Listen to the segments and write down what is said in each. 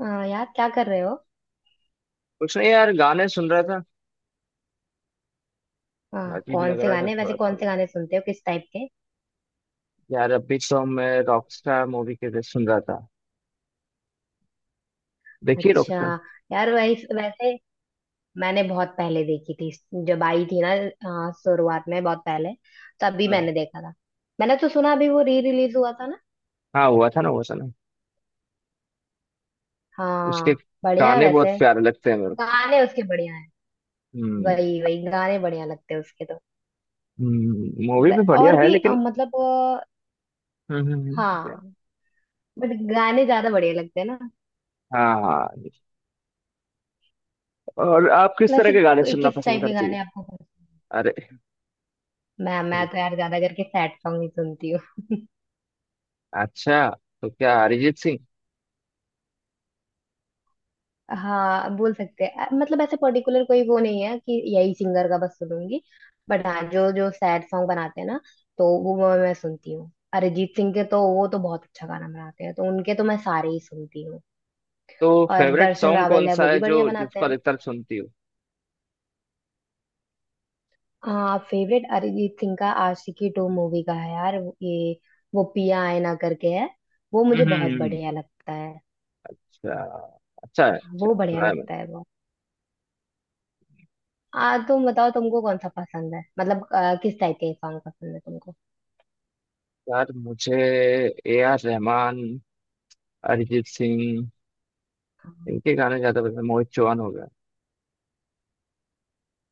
हाँ यार, क्या कर रहे हो। कुछ नहीं यार, गाने सुन रहा था। हाँ, अजीब कौन लग से रहा था गाने, थोड़ा वैसे कौन तो। से गाने सुनते हो, किस टाइप के। यार, अभी तो मैं रॉकस्टार मूवी के लिए सुन रहा था। देखिए, अच्छा, रॉकस्टार। यार वैसे मैंने बहुत पहले देखी थी, जब आई थी ना। हाँ, शुरुआत में बहुत पहले तभी हाँ, मैंने देखा था। मैंने तो सुना अभी वो री रिलीज हुआ था ना। हाँ, हुआ था ना, हुआ था ना। हाँ, उसके बढ़िया है गाने बहुत वैसे। प्यारे लगते हैं मेरे को। गाने उसके बढ़िया हैं। हम्म। वही वही गाने बढ़िया लगते हैं उसके तो। मूवी भी बढ़िया और है भी लेकिन। मतलब हम्म, हम्म। हाँ बट गाने ज्यादा बढ़िया लगते हैं ना। हाँ, हाँ। और आप किस तरह वैसे के गाने सुनना किस पसंद टाइप के करती है? गाने आपको। अरे। मैं ठीक। तो यार ज्यादा करके सैड सॉन्ग ही सुनती हूँ। अच्छा। तो क्या अरिजीत सिंह? हाँ, बोल सकते हैं। मतलब ऐसे पर्टिकुलर कोई वो नहीं है कि यही सिंगर का बस सुनूंगी। बट हाँ, जो जो सैड सॉन्ग बनाते हैं ना, तो वो मैं सुनती हूँ। अरिजीत सिंह के तो वो तो बहुत अच्छा गाना बनाते हैं, तो उनके तो मैं सारे ही सुनती हूँ। तो और फेवरेट दर्शन सॉन्ग कौन रावल है, सा वो भी है, जो बढ़िया बनाते जिसको हैं। अधिकतर सुनती हो? हाँ, फेवरेट अरिजीत सिंह का आशिकी 2 मूवी का है यार। ये वो पिया आए ना करके है। वो मुझे हम्म, बहुत बढ़िया लगता है। अच्छा, अच्छा। अच्छा, वो बढ़िया सुना है। लगता है बहुत। आ तुम बताओ, तुमको कौन सा पसंद है, मतलब किस टाइप के सॉन्ग पसंद है तुमको। यार, मुझे ए आर रहमान, अरिजीत सिंह, इनके गाने ज्यादा पसंद हैं। मोहित चौहान हो गया।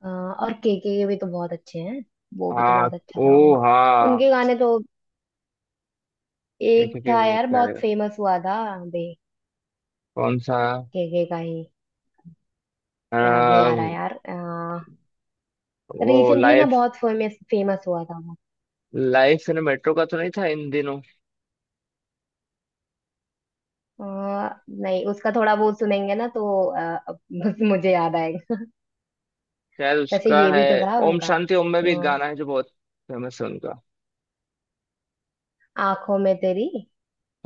आ, और के भी तो बहुत अच्छे हैं। वो भी तो हाँ, बहुत अच्छा ओ था उन, हाँ। उनके गाने तो। एक एक एक भी था बहुत यार, प्यारे बहुत हैं। फेमस हुआ था। बे कौन सा? के का ही याद नहीं आ, आ रहा यार। वो रिसेंटली ना लाइफ, बहुत फेमस फेमस हुआ था वो। लाइफ इन मेट्रो का तो नहीं था इन दिनों? नहीं उसका थोड़ा वो सुनेंगे ना तो अब मुझे याद आएगा। शायद वैसे उसका ये है। भी तो था ओम उनका। शांति ओम में भी एक आ, गाना है जो बहुत फेमस है उनका। आंखों में तेरी,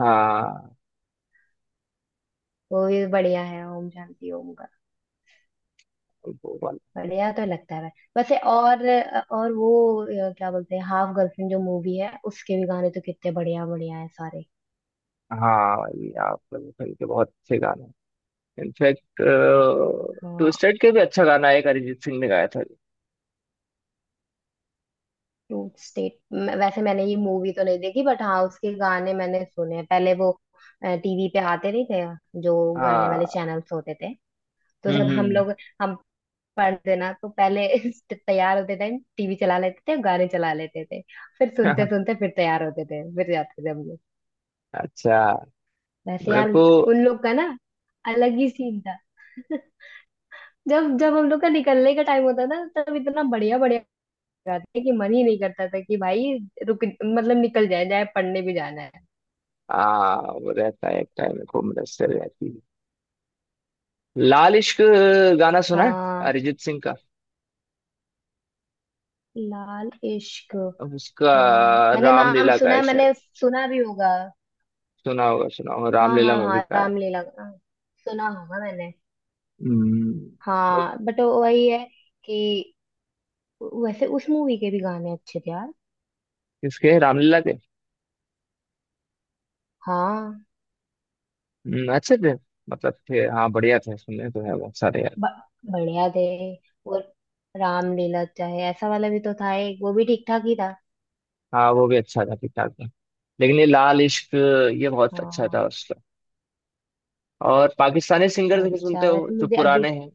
हाँ, वो भी बढ़िया है ओम शांति ओम। वो वाला। बढ़िया तो लगता है भाई। वैसे और वो क्या बोलते हैं, हाफ गर्लफ्रेंड जो मूवी है, उसके भी गाने तो कितने बढ़िया बढ़िया है सारे। हाँ भाई, आपका के बहुत अच्छे गाने हैं। इनफैक्ट, हाँ, ट्विस्टेड के भी अच्छा गाना है, एक अरिजीत सिंह ने गाया था। 2 स्टेट। वैसे मैंने ये मूवी तो नहीं देखी, बट हाँ उसके गाने मैंने सुने हैं। पहले वो टीवी पे आते नहीं थे, जो गाने वाले हाँ। चैनल्स होते थे। तो जब हम्म, हम हम्म। लोग, हम पढ़ते ना तो पहले तैयार होते थे। टीवी चला लेते थे, गाने चला लेते थे। फिर सुनते सुनते फिर तैयार होते थे, फिर जाते थे हम। अच्छा। वैसे मेरे यार को उन लोग का ना, अलग ही सीन था। जब जब हम लोग का निकलने का टाइम होता था, तब इतना बढ़िया बढ़िया गाते कि मन ही नहीं करता था कि भाई रुक, मतलब निकल जाए जाए, पढ़ने भी जाना है। वो रहता है एक टाइम को, मुदस्सिर रहती है। लाल इश्क गाना सुना है? हाँ, अरिजीत सिंह का। लाल इश्क। उसका। हाँ, मैंने नाम रामलीला का सुना है है, शायद। मैंने सुना भी होगा। सुना होगा, सुना होगा, हाँ रामलीला हाँ मूवी हाँ, का है। रामलीला, हाँ, सुना होगा मैंने। हम्म। बस। हाँ, बट वही है कि वैसे उस मूवी के भी गाने अच्छे थे यार। किसके? रामलीला के? हाँ, हम्म। अच्छे थे। मतलब थे, हाँ, बढ़िया थे, सुनने तो है बहुत सारे यार। ब- बढ़िया थे वो। रामलीला चाहे ऐसा वाला भी तो था एक, वो भी ठीक ठाक ही था। हाँ, वो भी अच्छा था, ठीक ठाक था। लेकिन ये लाल इश्क, ये बहुत अच्छा था हाँ। उसका। और पाकिस्तानी सिंगर्स भी सुनते अच्छा हो वैसे जो मुझे अभी, पुराने हैं?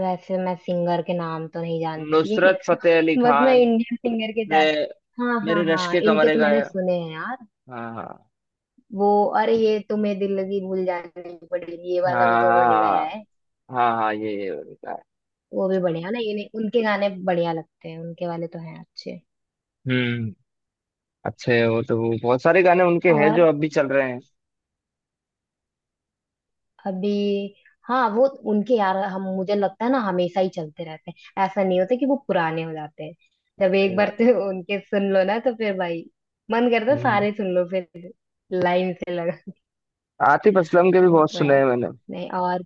वैसे मैं सिंगर के नाम तो नहीं जानती। नुसरत फतेह अली बस मैं खान। इंडियन सिंगर के मैं, जान। हाँ मेरे हाँ रश हाँ, के इनके कमरे तो का मैंने है। सुने हैं यार। हाँ वो, अरे ये तुम्हें दिल लगी भूल जानी पड़ेगी, ये हाँ वाला भी तो उन्होंने गाया हाँ, है। हाँ, हाँ। ये उनका है। वो भी बढ़िया ना। ये उनके गाने बढ़िया लगते हैं, उनके वाले तो हैं अच्छे। हम्म। अच्छे हो तो वो बहुत सारे गाने उनके हैं जो और अब भी चल रहे हैं। अभी, हाँ वो उनके यार, हम मुझे लगता है ना, हमेशा ही चलते रहते हैं। ऐसा नहीं होता कि वो पुराने हो जाते हैं। जब सही एक बार बात। तो उनके सुन लो ना, तो फिर भाई मन करता है हम्म। सारे सुन लो फिर, लाइन से लगा के। आतिफ असलम के भी वो बहुत तो सुने है। हैं मैंने। नहीं, और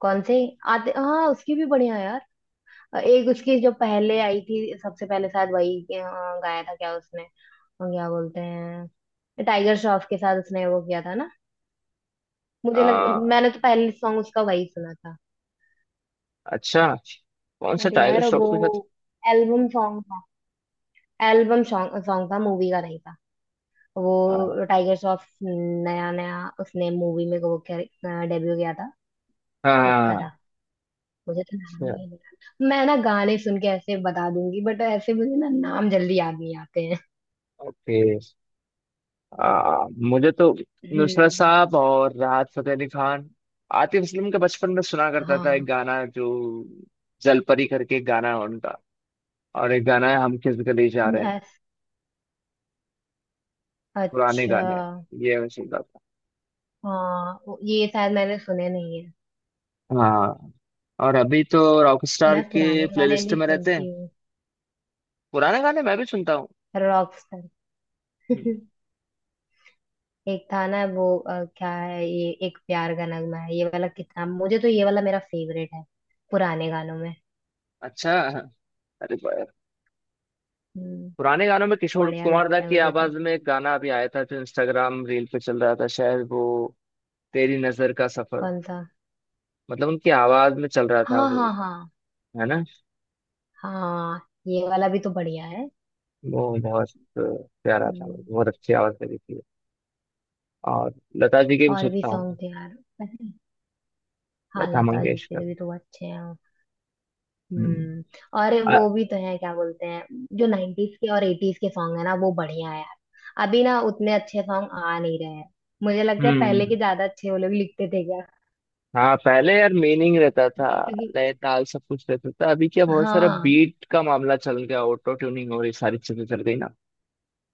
कौन से आते। हाँ उसकी भी बढ़िया है यार। एक उसकी जो पहले आई थी, सबसे पहले शायद वही गाया था क्या उसने। और क्या बोलते हैं, टाइगर श्रॉफ के साथ उसने वो किया था ना। मुझे लग, आ, मैंने तो पहले सॉन्ग उसका वही सुना था। अच्छा। कौन सा अरे टाइगर यार श्रॉफ वो के साथ? एल्बम सॉन्ग था। एल्बम सॉन्ग सॉन्ग था, मूवी का नहीं था। वो आ, टाइगर श्रॉफ नया नया उसने मूवी में वो डेब्यू किया था, तब का हाँ। था। मुझे तो नाम ही अच्छा। नहीं याद। मैं ना गाने सुन के ऐसे बता दूंगी, बट ऐसे मुझे ना नाम जल्दी याद नहीं आते हैं। ओके। मुझे तो नुसरत हम्म। साहब और राहत फतेह अली खान, आतिफ असलम के बचपन में सुना करता था, एक हाँ। गाना जो, जलपरी करके एक गाना है उनका। और एक गाना है, हम किस गली जा रहे हैं। अस- पुराने अच्छा। गाने हैं। ये मैं सुनता था। हाँ ये शायद मैंने सुने नहीं है। हाँ। और अभी तो रॉकस्टार मैं के पुराने गाने प्लेलिस्ट भी में रहते हैं। सुनती हूँ। पुराने गाने मैं भी सुनता हूँ। Rockstar. हम्म। एक था ना वो, क्या है ये, एक प्यार का नगमा है, ये वाला कितना, मुझे तो ये वाला मेरा फेवरेट है, पुराने गानों में। अच्छा। अरे, हम्म। पुराने गानों में किशोर बढ़िया कुमार दा लगता है की मुझे तो। आवाज में एक गाना अभी आया था, जो इंस्टाग्राम रील पे चल रहा था शायद। वो तेरी नजर का सफर, कौन सा। मतलब उनकी आवाज में चल रहा था हाँ वो। हाँ हाँ है ना? हाँ, ये वाला भी तो बढ़िया है। वो बहुत प्यारा था, हम्म। बहुत अच्छी आवाज लगी थी। और लता जी के भी और भी सुनता सॉन्ग हूँ। थे यार, पता है। हाँ, लता लता जी मंगेशकर। के भी तो अच्छे हैं। हम्म। हम्म। और अ- वो भी तो है, क्या बोलते हैं, जो 90s के और 80s के सॉन्ग है ना, वो बढ़िया है यार। अभी ना उतने अच्छे सॉन्ग आ नहीं रहे हैं। मुझे लगता है पहले हम्म। के ज्यादा अच्छे वो लोग लिखते थे क्या, हाँ, पहले यार मीनिंग रहता था, क्योंकि लय, ताल, सब कुछ रहता था। अभी क्या, बहुत सारा हाँ बीट का मामला चल गया, ऑटो ट्यूनिंग और ये सारी चीजें चल गई ना।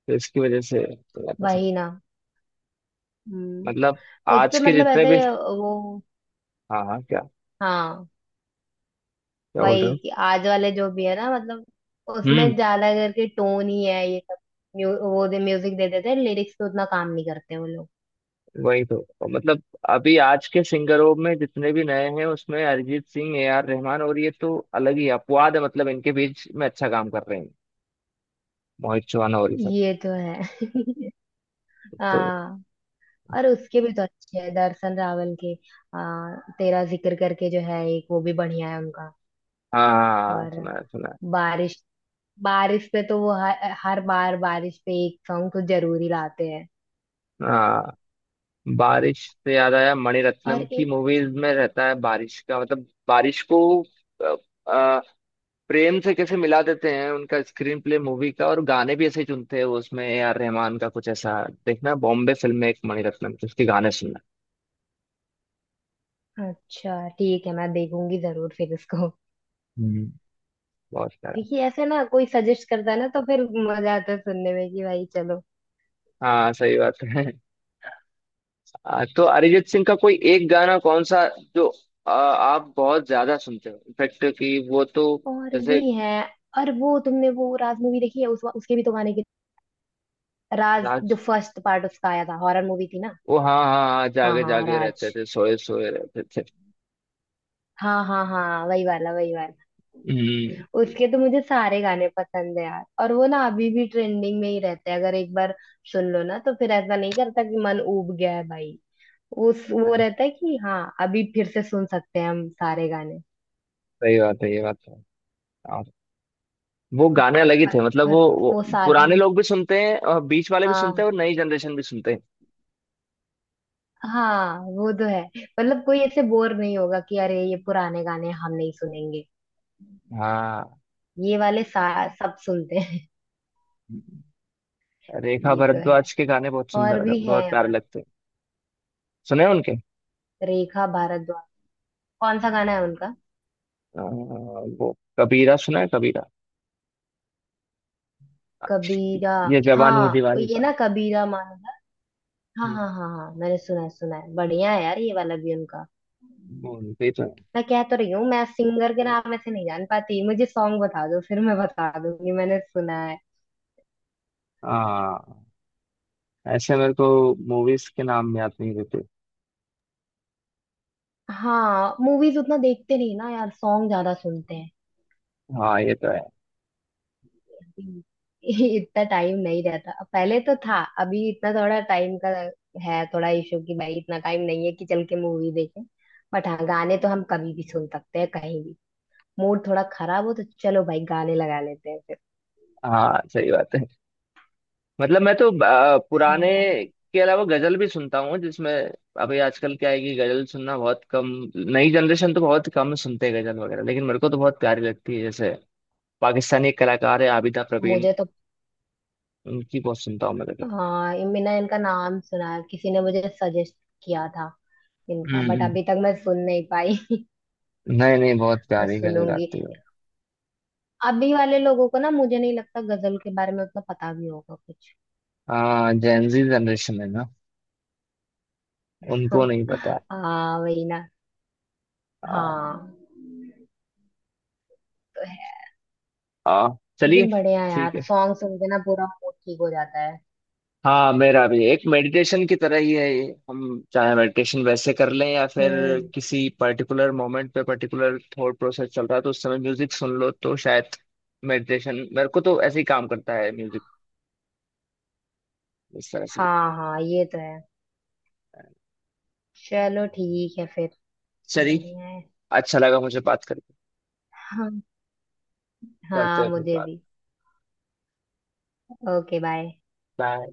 तो इसकी वजह से मेरा पसंद, वही ना। हम्म। मतलब उस आज पे के मतलब जितने भी। ऐसे वो, हाँ, हाँ, क्या? हाँ क्या बोल रहे वही हो? कि आज वाले जो भी है ना, मतलब हम्म। उसमें ज्यादा करके टोन ही है ये सब। वो दे म्यूजिक दे देते हैं, लिरिक्स पे उतना काम नहीं करते वो लोग। वही तो मतलब, अभी आज के सिंगरों में जितने भी नए हैं, उसमें अरिजीत सिंह, ए आर रहमान और ये तो अलग ही अपवाद है, मतलब इनके बीच में अच्छा काम कर रहे हैं। मोहित चौहान और ये सब। ये तो है। तो हाँ। और उसके भी तो अच्छे हैं, दर्शन रावल के। तेरा जिक्र करके जो है एक, वो भी बढ़िया है उनका। हाँ, हाँ, हाँ, और सुना है, सुना है। बारिश, बारिश पे तो वो हर बार बारिश पे एक सॉन्ग तो जरूरी लाते हैं। हाँ, बारिश से याद आया, मणिरत्नम और की मूवीज में रहता है बारिश का, मतलब बारिश को अ, अ, प्रेम से कैसे मिला देते हैं। उनका स्क्रीन प्ले मूवी का और गाने भी ऐसे ही चुनते हैं वो। उसमें ए आर रहमान का कुछ ऐसा, देखना बॉम्बे फिल्म में एक मणिरत्नम की, उसके गाने सुनना। अच्छा, ठीक है मैं देखूंगी जरूर फिर इसको। हम्म। बहुत सारा। क्योंकि ऐसे ना कोई सजेस्ट करता है ना, तो फिर मजा आता है सुनने में कि भाई चलो। हाँ, सही बात है। तो अरिजीत सिंह का कोई एक गाना कौन सा जो आप बहुत ज्यादा सुनते हो, इनफेक्ट कि वो तो, और जैसे भी है और वो, तुमने वो राज मूवी देखी है उसके भी तो गाने के। राज जो राज, फर्स्ट पार्ट उसका आया था, हॉरर मूवी थी ना। वो हाँ, हाँ, हाँ, हाँ जागे हाँ, जागे राज। रहते थे, सोए सोए रहते थे। हाँ हाँ हाँ, वही वाला वही वाला। हम्म। उसके तो मुझे सारे गाने पसंद है यार। और वो ना अभी भी ट्रेंडिंग में ही रहते हैं। अगर एक बार सुन लो ना, तो फिर ऐसा नहीं करता कि मन ऊब गया है भाई। उस वो रहता है कि हाँ अभी फिर से सुन सकते हैं हम सारे गाने। सही बात है, ये बात तो है। और वो गाने अलग ही और, थे, मतलब और वो वो पुराने शादी। लोग भी सुनते हैं और बीच वाले भी सुनते हाँ हैं और नई जनरेशन भी सुनते हैं। हाँ, वो तो है। मतलब कोई ऐसे बोर नहीं होगा कि अरे ये पुराने गाने हम नहीं सुनेंगे। हाँ। ये वाले सब सुनते हैं। रेखा ये तो है भारद्वाज के गाने बहुत और सुंदर, भी है बहुत प्यारे और। लगते हैं। सुने हैं उनके। रेखा भारद्वाज, कौन सा गाना है उनका। अ, वो कबीरा सुना है? कबीरा, कबीरा। ये जवानी है हाँ दीवानी ये का। ना कबीरा माना, हाँ हम्म। हाँ हाँ हाँ मैंने सुना है सुना है, बढ़िया है यार ये वाला भी उनका। वो उनके ही तो है। मैं कह तो रही हूँ, मैं सिंगर के नाम ऐसे नहीं जान पाती। मुझे सॉन्ग बता दो, फिर मैं बता दूंगी मैंने सुना है। हाँ, ऐसे मेरे को मूवीज के नाम याद नहीं रहते। हाँ, मूवीज उतना देखते नहीं ना यार, सॉन्ग ज्यादा सुनते हैं। हाँ, ये तो है। हम्म। इतना टाइम नहीं रहता, पहले तो था। अभी इतना थोड़ा टाइम का है, थोड़ा इशू कि भाई इतना टाइम नहीं है कि चल के मूवी देखें। बट हाँ गाने तो हम कभी भी सुन सकते हैं, कहीं भी। मूड थोड़ा खराब हो तो चलो भाई गाने लगा लेते हैं फिर। हाँ, सही बात है। मतलब मैं तो पुराने हाँ, के अलावा गजल भी सुनता हूँ, जिसमें अभी आजकल क्या है कि गजल सुनना बहुत कम। नई जनरेशन तो बहुत कम सुनते हैं गजल वगैरह, लेकिन मेरे को तो बहुत प्यारी लगती है। जैसे पाकिस्तानी एक कलाकार है आबिदा प्रवीण, मुझे तो। उनकी बहुत सुनता हूँ मैं गजल। हाँ, ये मैंने इनका नाम सुना है, किसी ने मुझे सजेस्ट किया था इनका, हम्म, बट अभी तक मैं सुन नहीं पाई। नहीं, नहीं, बहुत प्यारी गजल सुनूंगी। गाती है। अभी वाले लोगों को ना, मुझे नहीं लगता गजल के बारे में उतना पता भी होगा कुछ। हाँ, जेनजी जनरेशन है ना, उनको हाँ, नहीं पता। हाँ, वही ना। हाँ आ, हाँ, तो है। आ, चलिए, लेकिन बढ़िया ठीक यार, है। सॉन्ग सुन के ना पूरा मूड ठीक हो जाता है। हाँ, मेरा भी एक मेडिटेशन की तरह ही है ये। हम चाहे मेडिटेशन वैसे कर लें, या फिर हम्म। किसी पर्टिकुलर मोमेंट पे पर्टिकुलर थॉट प्रोसेस चल रहा है तो उस समय म्यूजिक सुन लो, तो शायद मेडिटेशन मेरे को तो ऐसे ही काम करता है म्यूजिक, इस तरह से। हाँ हाँ, ये तो है। चलो ठीक है फिर। चलिए। बढ़िया है। अच्छा लगा मुझे बात करके। हाँ, करते हाँ हैं फिर मुझे बात। भी। Okay, bye. बाय।